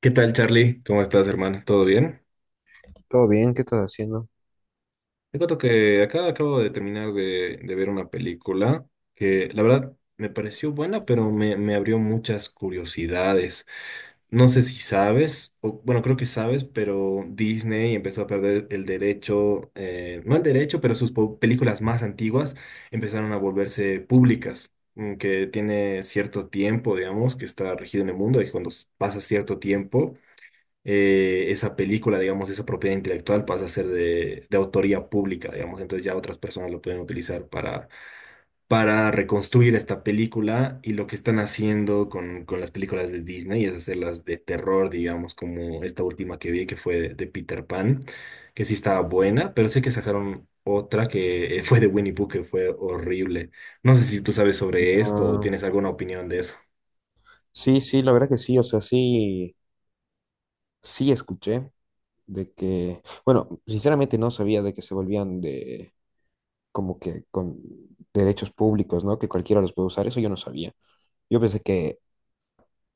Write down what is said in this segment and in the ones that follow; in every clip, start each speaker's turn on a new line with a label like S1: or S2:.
S1: ¿Qué tal, Charlie? ¿Cómo estás, hermana? ¿Todo bien?
S2: Todo bien, ¿qué estás haciendo?
S1: Te cuento que acá acabo de terminar de ver una película que la verdad me pareció buena, pero me abrió muchas curiosidades. No sé si sabes, o bueno, creo que sabes, pero Disney empezó a perder el derecho, no el derecho, pero sus películas más antiguas empezaron a volverse públicas, que tiene cierto tiempo, digamos, que está regido en el mundo y cuando pasa cierto tiempo, esa película, digamos, esa propiedad intelectual pasa a ser de autoría pública, digamos, entonces ya otras personas lo pueden utilizar para reconstruir esta película y lo que están haciendo con las películas de Disney es hacerlas de terror, digamos, como esta última que vi que fue de Peter Pan, que sí estaba buena, pero sé que sacaron otra que fue de Winnie Pooh que fue horrible. No sé si tú sabes sobre esto o
S2: Ah,
S1: tienes alguna opinión de eso.
S2: sí, sí, la verdad que sí, o sea, sí, sí escuché de que, bueno, sinceramente no sabía de que se volvían de, como que con derechos públicos, ¿no? Que cualquiera los puede usar, eso yo no sabía. Yo pensé que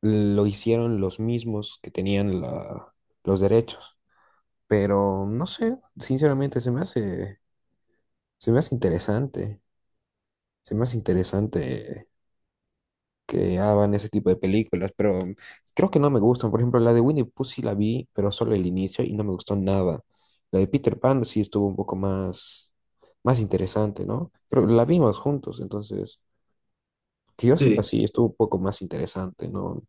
S2: lo hicieron los mismos que tenían la, los derechos, pero no sé, sinceramente se me hace, se me hace interesante, se me hace interesante que hagan ese tipo de películas, pero creo que no me gustan. Por ejemplo, la de Winnie Pooh sí la vi, pero solo el inicio y no me gustó nada. La de Peter Pan sí estuvo un poco más, más interesante, ¿no? Pero la vimos juntos, entonces, que yo sepa,
S1: Sí.
S2: sí, estuvo un poco más interesante, no,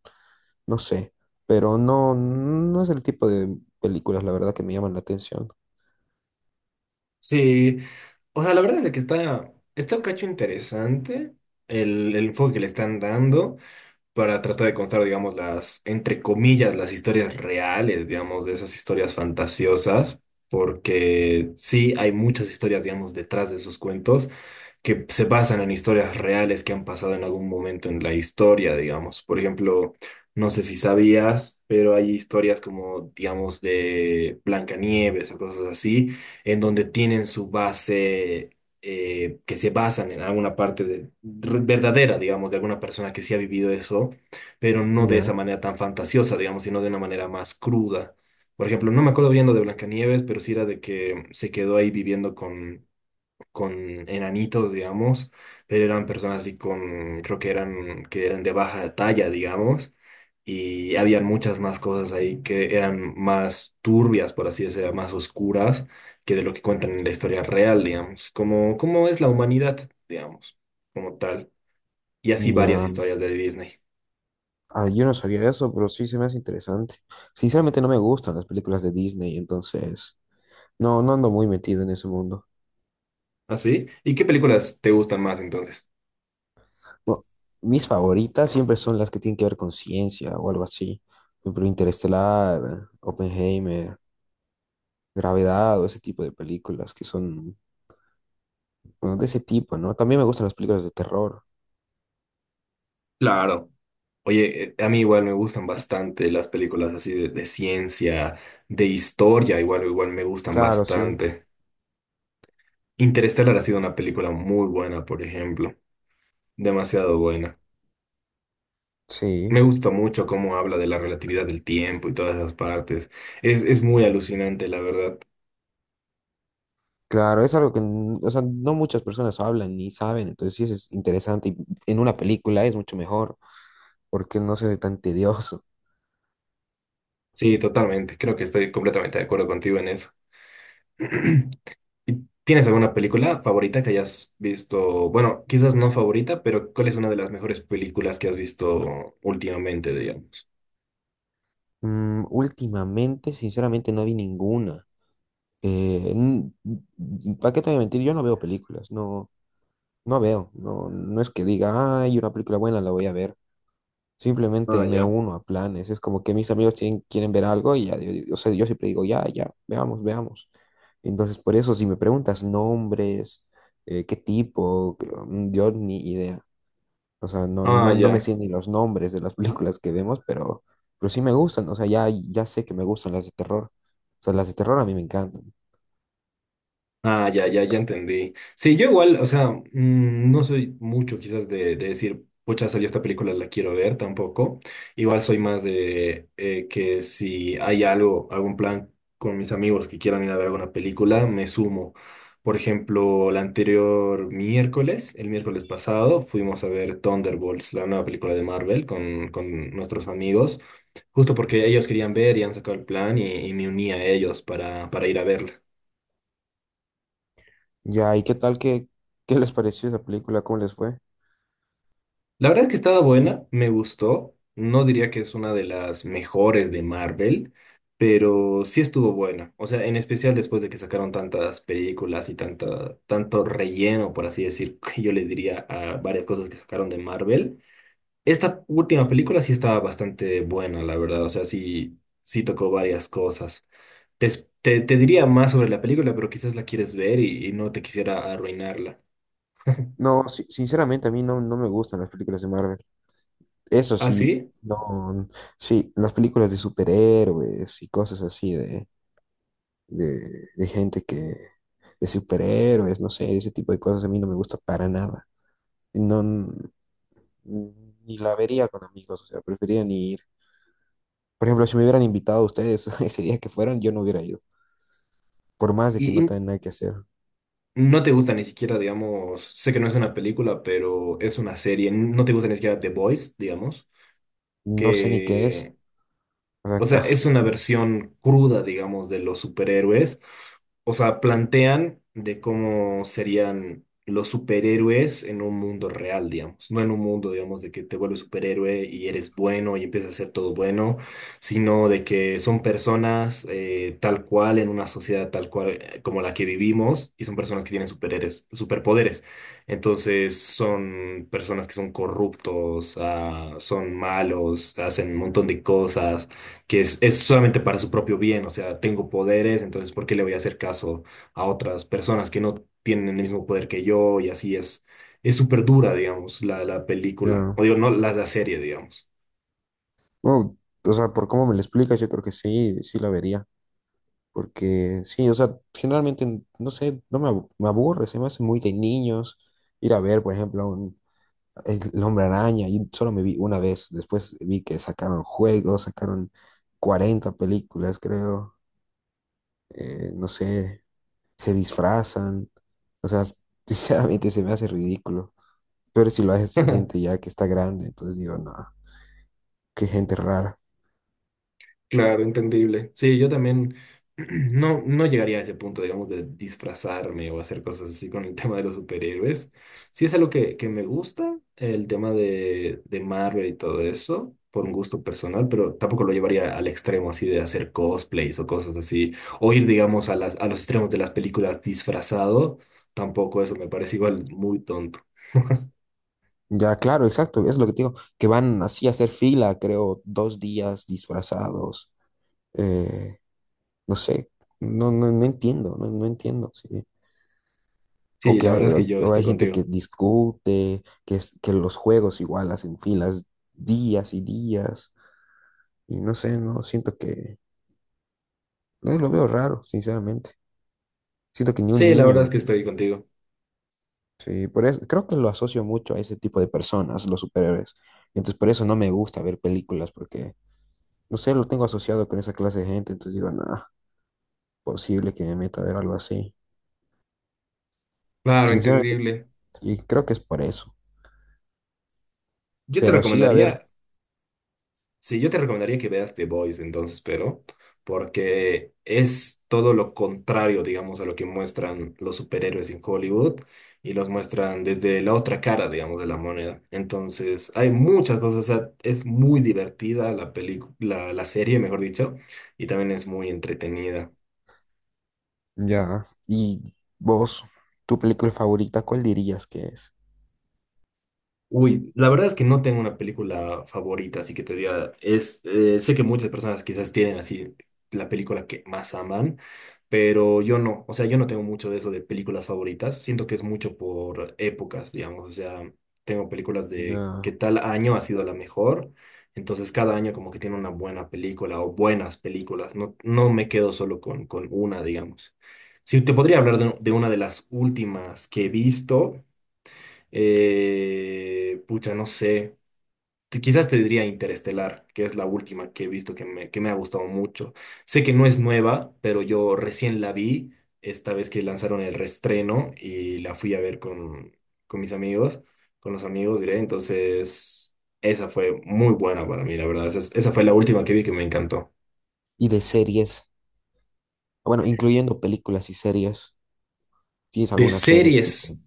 S2: no sé. Pero no, no es el tipo de películas, la verdad, que me llaman la atención.
S1: Sí, o sea, la verdad es que está, está un cacho interesante el enfoque que le están dando para tratar de contar, digamos, las, entre comillas, las historias reales, digamos, de esas historias fantasiosas, porque sí hay muchas historias, digamos, detrás de esos cuentos que se basan en historias reales que han pasado en algún momento en la historia, digamos. Por ejemplo, no sé si sabías, pero hay historias como, digamos, de Blancanieves o cosas así, en donde tienen su base, que se basan en alguna parte verdadera, digamos, de alguna persona que sí ha vivido eso, pero no de esa
S2: Ya,
S1: manera tan fantasiosa, digamos, sino de una manera más cruda. Por ejemplo, no me acuerdo bien lo de Blancanieves, pero sí era de que se quedó ahí viviendo con enanitos, digamos, pero eran personas así con, creo que eran de baja talla, digamos, y habían muchas más cosas ahí que eran más turbias, por así decirlo, más oscuras que de lo que cuentan en la historia real, digamos, como, como es la humanidad, digamos, como tal, y así varias
S2: ya.
S1: historias de Disney.
S2: Ah, yo no sabía eso, pero sí se me hace interesante. Sinceramente no me gustan las películas de Disney, entonces no, no ando muy metido en ese mundo.
S1: ¿Así? ¿Y qué películas te gustan más entonces?
S2: Bueno, mis favoritas siempre son las que tienen que ver con ciencia o algo así. Por ejemplo, Interestelar, Oppenheimer, Gravedad o ese tipo de películas que son, bueno, de ese tipo, ¿no? También me gustan las películas de terror.
S1: Claro. Oye, a mí igual me gustan bastante las películas así de ciencia, de historia, igual, igual me gustan
S2: Claro, sí,
S1: bastante. Interestelar ha sido una película muy buena, por ejemplo, demasiado buena. Me
S2: sí.
S1: gusta mucho cómo habla de la relatividad del tiempo y todas esas partes. Es muy alucinante, la verdad.
S2: Claro, es algo que, o sea, no muchas personas hablan ni saben, entonces sí eso es interesante y en una película es mucho mejor porque no se hace tan tedioso.
S1: Sí, totalmente. Creo que estoy completamente de acuerdo contigo en eso. ¿Tienes alguna película favorita que hayas visto? Bueno, quizás no favorita, pero ¿cuál es una de las mejores películas que has visto últimamente, digamos?
S2: Mm, últimamente, sinceramente, no vi ninguna. Eh, ¿Para qué te voy a mentir? Yo no veo películas, no, no veo, no, no es que diga, ay, una película buena la voy a ver. Simplemente
S1: Ah,
S2: me
S1: ya.
S2: uno a planes. Es como que mis amigos quieren ver algo y ya, o sea, yo siempre digo, ya, ya, veamos, veamos. Entonces, por eso, si me preguntas nombres, qué tipo, yo ni idea. O sea, no,
S1: Ah,
S2: no, no me
S1: ya.
S2: sé ni los nombres de las películas que vemos, pero sí me gustan. O sea, ya, ya sé que me gustan las de terror. O sea, las de terror a mí me encantan.
S1: Ah, ya, ya, ya entendí. Sí, yo igual, o sea, no soy mucho quizás de decir, pucha, salió esta película, la quiero ver tampoco. Igual soy más de que si hay algo, algún plan con mis amigos que quieran ir a ver alguna película, me sumo. Por ejemplo, el anterior miércoles, el miércoles pasado, fuimos a ver Thunderbolts, la nueva película de Marvel, con nuestros amigos, justo porque ellos querían ver y han sacado el plan y me uní a ellos para ir a verla.
S2: Ya, ¿y qué tal? ¿Qué, qué les pareció esa película? ¿Cómo les fue?
S1: La verdad es que estaba buena, me gustó. No diría que es una de las mejores de Marvel, pero sí estuvo buena. O sea, en especial después de que sacaron tantas películas y tanta, tanto relleno, por así decir, que yo le diría a varias cosas que sacaron de Marvel. Esta última película sí estaba bastante buena, la verdad. O sea, sí, sí tocó varias cosas. Te diría más sobre la película, pero quizás la quieres ver y no te quisiera arruinarla.
S2: No, sinceramente a mí no, no me gustan las películas de Marvel. Eso
S1: ¿Ah,
S2: sí,
S1: sí?
S2: no, sí, las películas de superhéroes y cosas así de, de, de gente que, de superhéroes, no sé, ese tipo de cosas a mí no me gusta para nada. No, ni la vería con amigos, o sea, preferiría ni ir. Por ejemplo, si me hubieran invitado a ustedes ese día que fueron, yo no hubiera ido, por más de que
S1: ¿Y,
S2: no
S1: y
S2: tengan nada que hacer.
S1: no te gusta ni siquiera, digamos, sé que no es una película, pero es una serie. No te gusta ni siquiera The Boys, digamos,
S2: No sé ni qué es.
S1: que
S2: O
S1: o
S2: sea,
S1: sea, es una versión cruda, digamos, de los superhéroes. O sea, plantean de cómo serían los superhéroes en un mundo real, digamos. No en un mundo, digamos, de que te vuelves superhéroe y eres bueno y empiezas a hacer todo bueno, sino de que son personas tal cual, en una sociedad tal cual, como la que vivimos, y son personas que tienen superhéroes, superpoderes. Entonces, son personas que son corruptos, ah, son malos, hacen un montón de cosas que es solamente para su propio bien, o sea, tengo poderes, entonces ¿por qué le voy a hacer caso a otras personas que no tienen el mismo poder que yo? Y así es súper dura, digamos, la película,
S2: ya.
S1: o digo, no, la serie, digamos.
S2: Bueno, o sea, por cómo me lo explicas, yo creo que sí, sí la vería. Porque sí, o sea, generalmente, no sé, no me, abu- me aburre, se me hace muy de niños ir a ver, por ejemplo, un, el Hombre Araña, y solo me vi una vez, después vi que sacaron juegos, sacaron 40 películas, creo, no sé, se disfrazan, o sea, sinceramente se me hace ridículo, pero si lo hace gente ya que está grande, entonces digo, no, qué gente rara.
S1: Claro, entendible. Sí, yo también no, no llegaría a ese punto, digamos, de disfrazarme o hacer cosas así con el tema de los superhéroes. Sí es algo que me gusta, el tema de Marvel y todo eso, por un gusto personal, pero tampoco lo llevaría al extremo así de hacer cosplays o cosas así, o ir, digamos, a las, a los extremos de las películas disfrazado, tampoco eso me parece igual muy tonto.
S2: Ya, claro, exacto, es lo que te digo, que van así a hacer fila, creo, dos días disfrazados. eh, no sé, no, no, no entiendo, no, no entiendo, sí. O
S1: Sí,
S2: que
S1: la
S2: hay,
S1: verdad es que yo
S2: o
S1: estoy
S2: hay gente que
S1: contigo.
S2: discute, que, que los juegos igual hacen filas días y días, y no sé, no, siento que, no, lo veo raro, sinceramente. Siento que ni un
S1: Sí, la verdad es
S2: niño,
S1: que estoy contigo.
S2: sí, por eso, creo que lo asocio mucho a ese tipo de personas, los superhéroes. Entonces, por eso no me gusta ver películas, porque, no sé, lo tengo asociado con esa clase de gente, entonces digo, nada, posible que me meta a ver algo así.
S1: Claro,
S2: Sinceramente,
S1: entendible.
S2: sí, creo que es por eso.
S1: Yo te
S2: Pero sí, a ver,
S1: recomendaría. Sí, yo te recomendaría que veas The Boys entonces, pero porque es todo lo contrario, digamos, a lo que muestran los superhéroes en Hollywood y los muestran desde la otra cara, digamos, de la moneda. Entonces, hay muchas cosas, o sea, es muy divertida la película, la serie, mejor dicho, y también es muy entretenida.
S2: ya. ¿Y vos, tu película favorita, cuál dirías que es?
S1: Uy, la verdad es que no tengo una película favorita, así que te diga, es, sé que muchas personas quizás tienen así la película que más aman, pero yo no, o sea, yo no tengo mucho de eso de películas favoritas, siento que es mucho por épocas, digamos, o sea, tengo películas de
S2: Ya.
S1: qué tal año ha sido la mejor, entonces cada año como que tiene una buena película o buenas películas, no, no me quedo solo con una, digamos. Si te podría hablar de una de las últimas que he visto. Pucha, no sé. Quizás te diría Interestelar, que es la última que he visto que me ha gustado mucho. Sé que no es nueva, pero yo recién la vi esta vez que lanzaron el reestreno y la fui a ver con mis amigos, con los amigos, diré. Entonces, esa fue muy buena para mí, la verdad. Esa fue la última que vi que me encantó.
S2: Y de series, bueno, incluyendo películas y series, ¿tienes
S1: De
S2: alguna serie así
S1: series.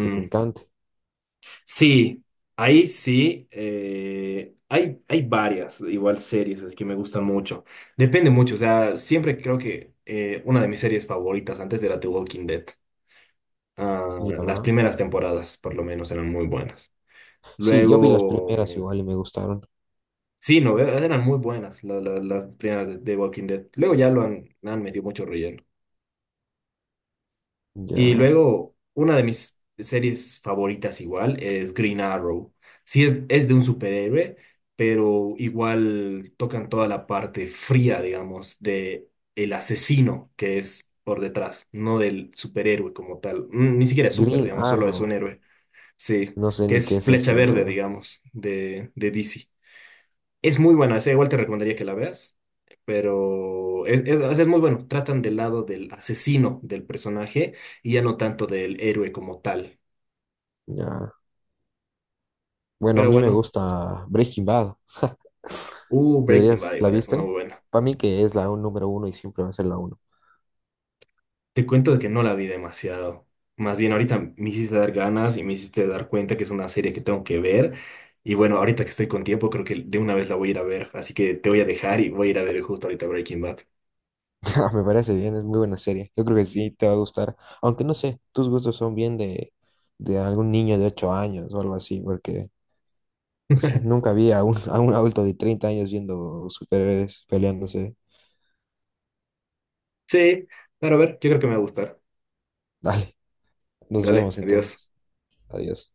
S2: que te encante?
S1: Sí, ahí sí. Hay, hay varias, igual series así que me gustan mucho. Depende mucho, o sea, siempre creo que una de mis series favoritas antes era The Walking Dead. Ah, las
S2: Ya.
S1: primeras temporadas, por lo menos, eran muy buenas.
S2: Sí, yo vi las
S1: Luego,
S2: primeras igual y me gustaron.
S1: sí, no, eran muy buenas las primeras de Walking Dead. Luego ya lo han, han metido mucho relleno. Y
S2: Ya.
S1: luego, una de mis series favoritas igual es Green Arrow. Sí, es de un superhéroe, pero igual tocan toda la parte fría, digamos, de el asesino que es por detrás, no del superhéroe como tal. Ni siquiera es super,
S2: Green
S1: digamos, solo es un
S2: Arrow,
S1: héroe. Sí,
S2: no sé
S1: que
S2: ni qué
S1: es
S2: es
S1: Flecha
S2: eso, la
S1: Verde,
S2: verdad.
S1: digamos, de DC. Es muy buena, esa igual te recomendaría que la veas, pero es, o sea, es muy bueno. Tratan del lado del asesino del personaje y ya no tanto del héroe como tal.
S2: Ya. Bueno, a
S1: Pero
S2: mí me
S1: bueno,
S2: gusta Breaking Bad.
S1: Breaking
S2: Deberías,
S1: Bad
S2: ¿la
S1: igual es una muy
S2: viste?
S1: buena.
S2: Para mí que es la número uno y siempre va a ser la uno.
S1: Te cuento de que no la vi demasiado. Más bien ahorita me hiciste dar ganas y me hiciste dar cuenta que es una serie que tengo que ver. Y bueno, ahorita que estoy con tiempo, creo que de una vez la voy a ir a ver. Así que te voy a dejar y voy a ir a ver justo ahorita Breaking Bad.
S2: Me parece bien, es muy buena serie. Yo creo que sí te va a gustar. Aunque no sé, tus gustos son bien de algún niño de 8 años o algo así, porque no sé, nunca vi a un, a un adulto de 30 años viendo superhéroes peleándose.
S1: Sí, pero a ver, yo creo que me va a gustar.
S2: Dale, nos
S1: Dale,
S2: vemos
S1: adiós.
S2: entonces. Adiós.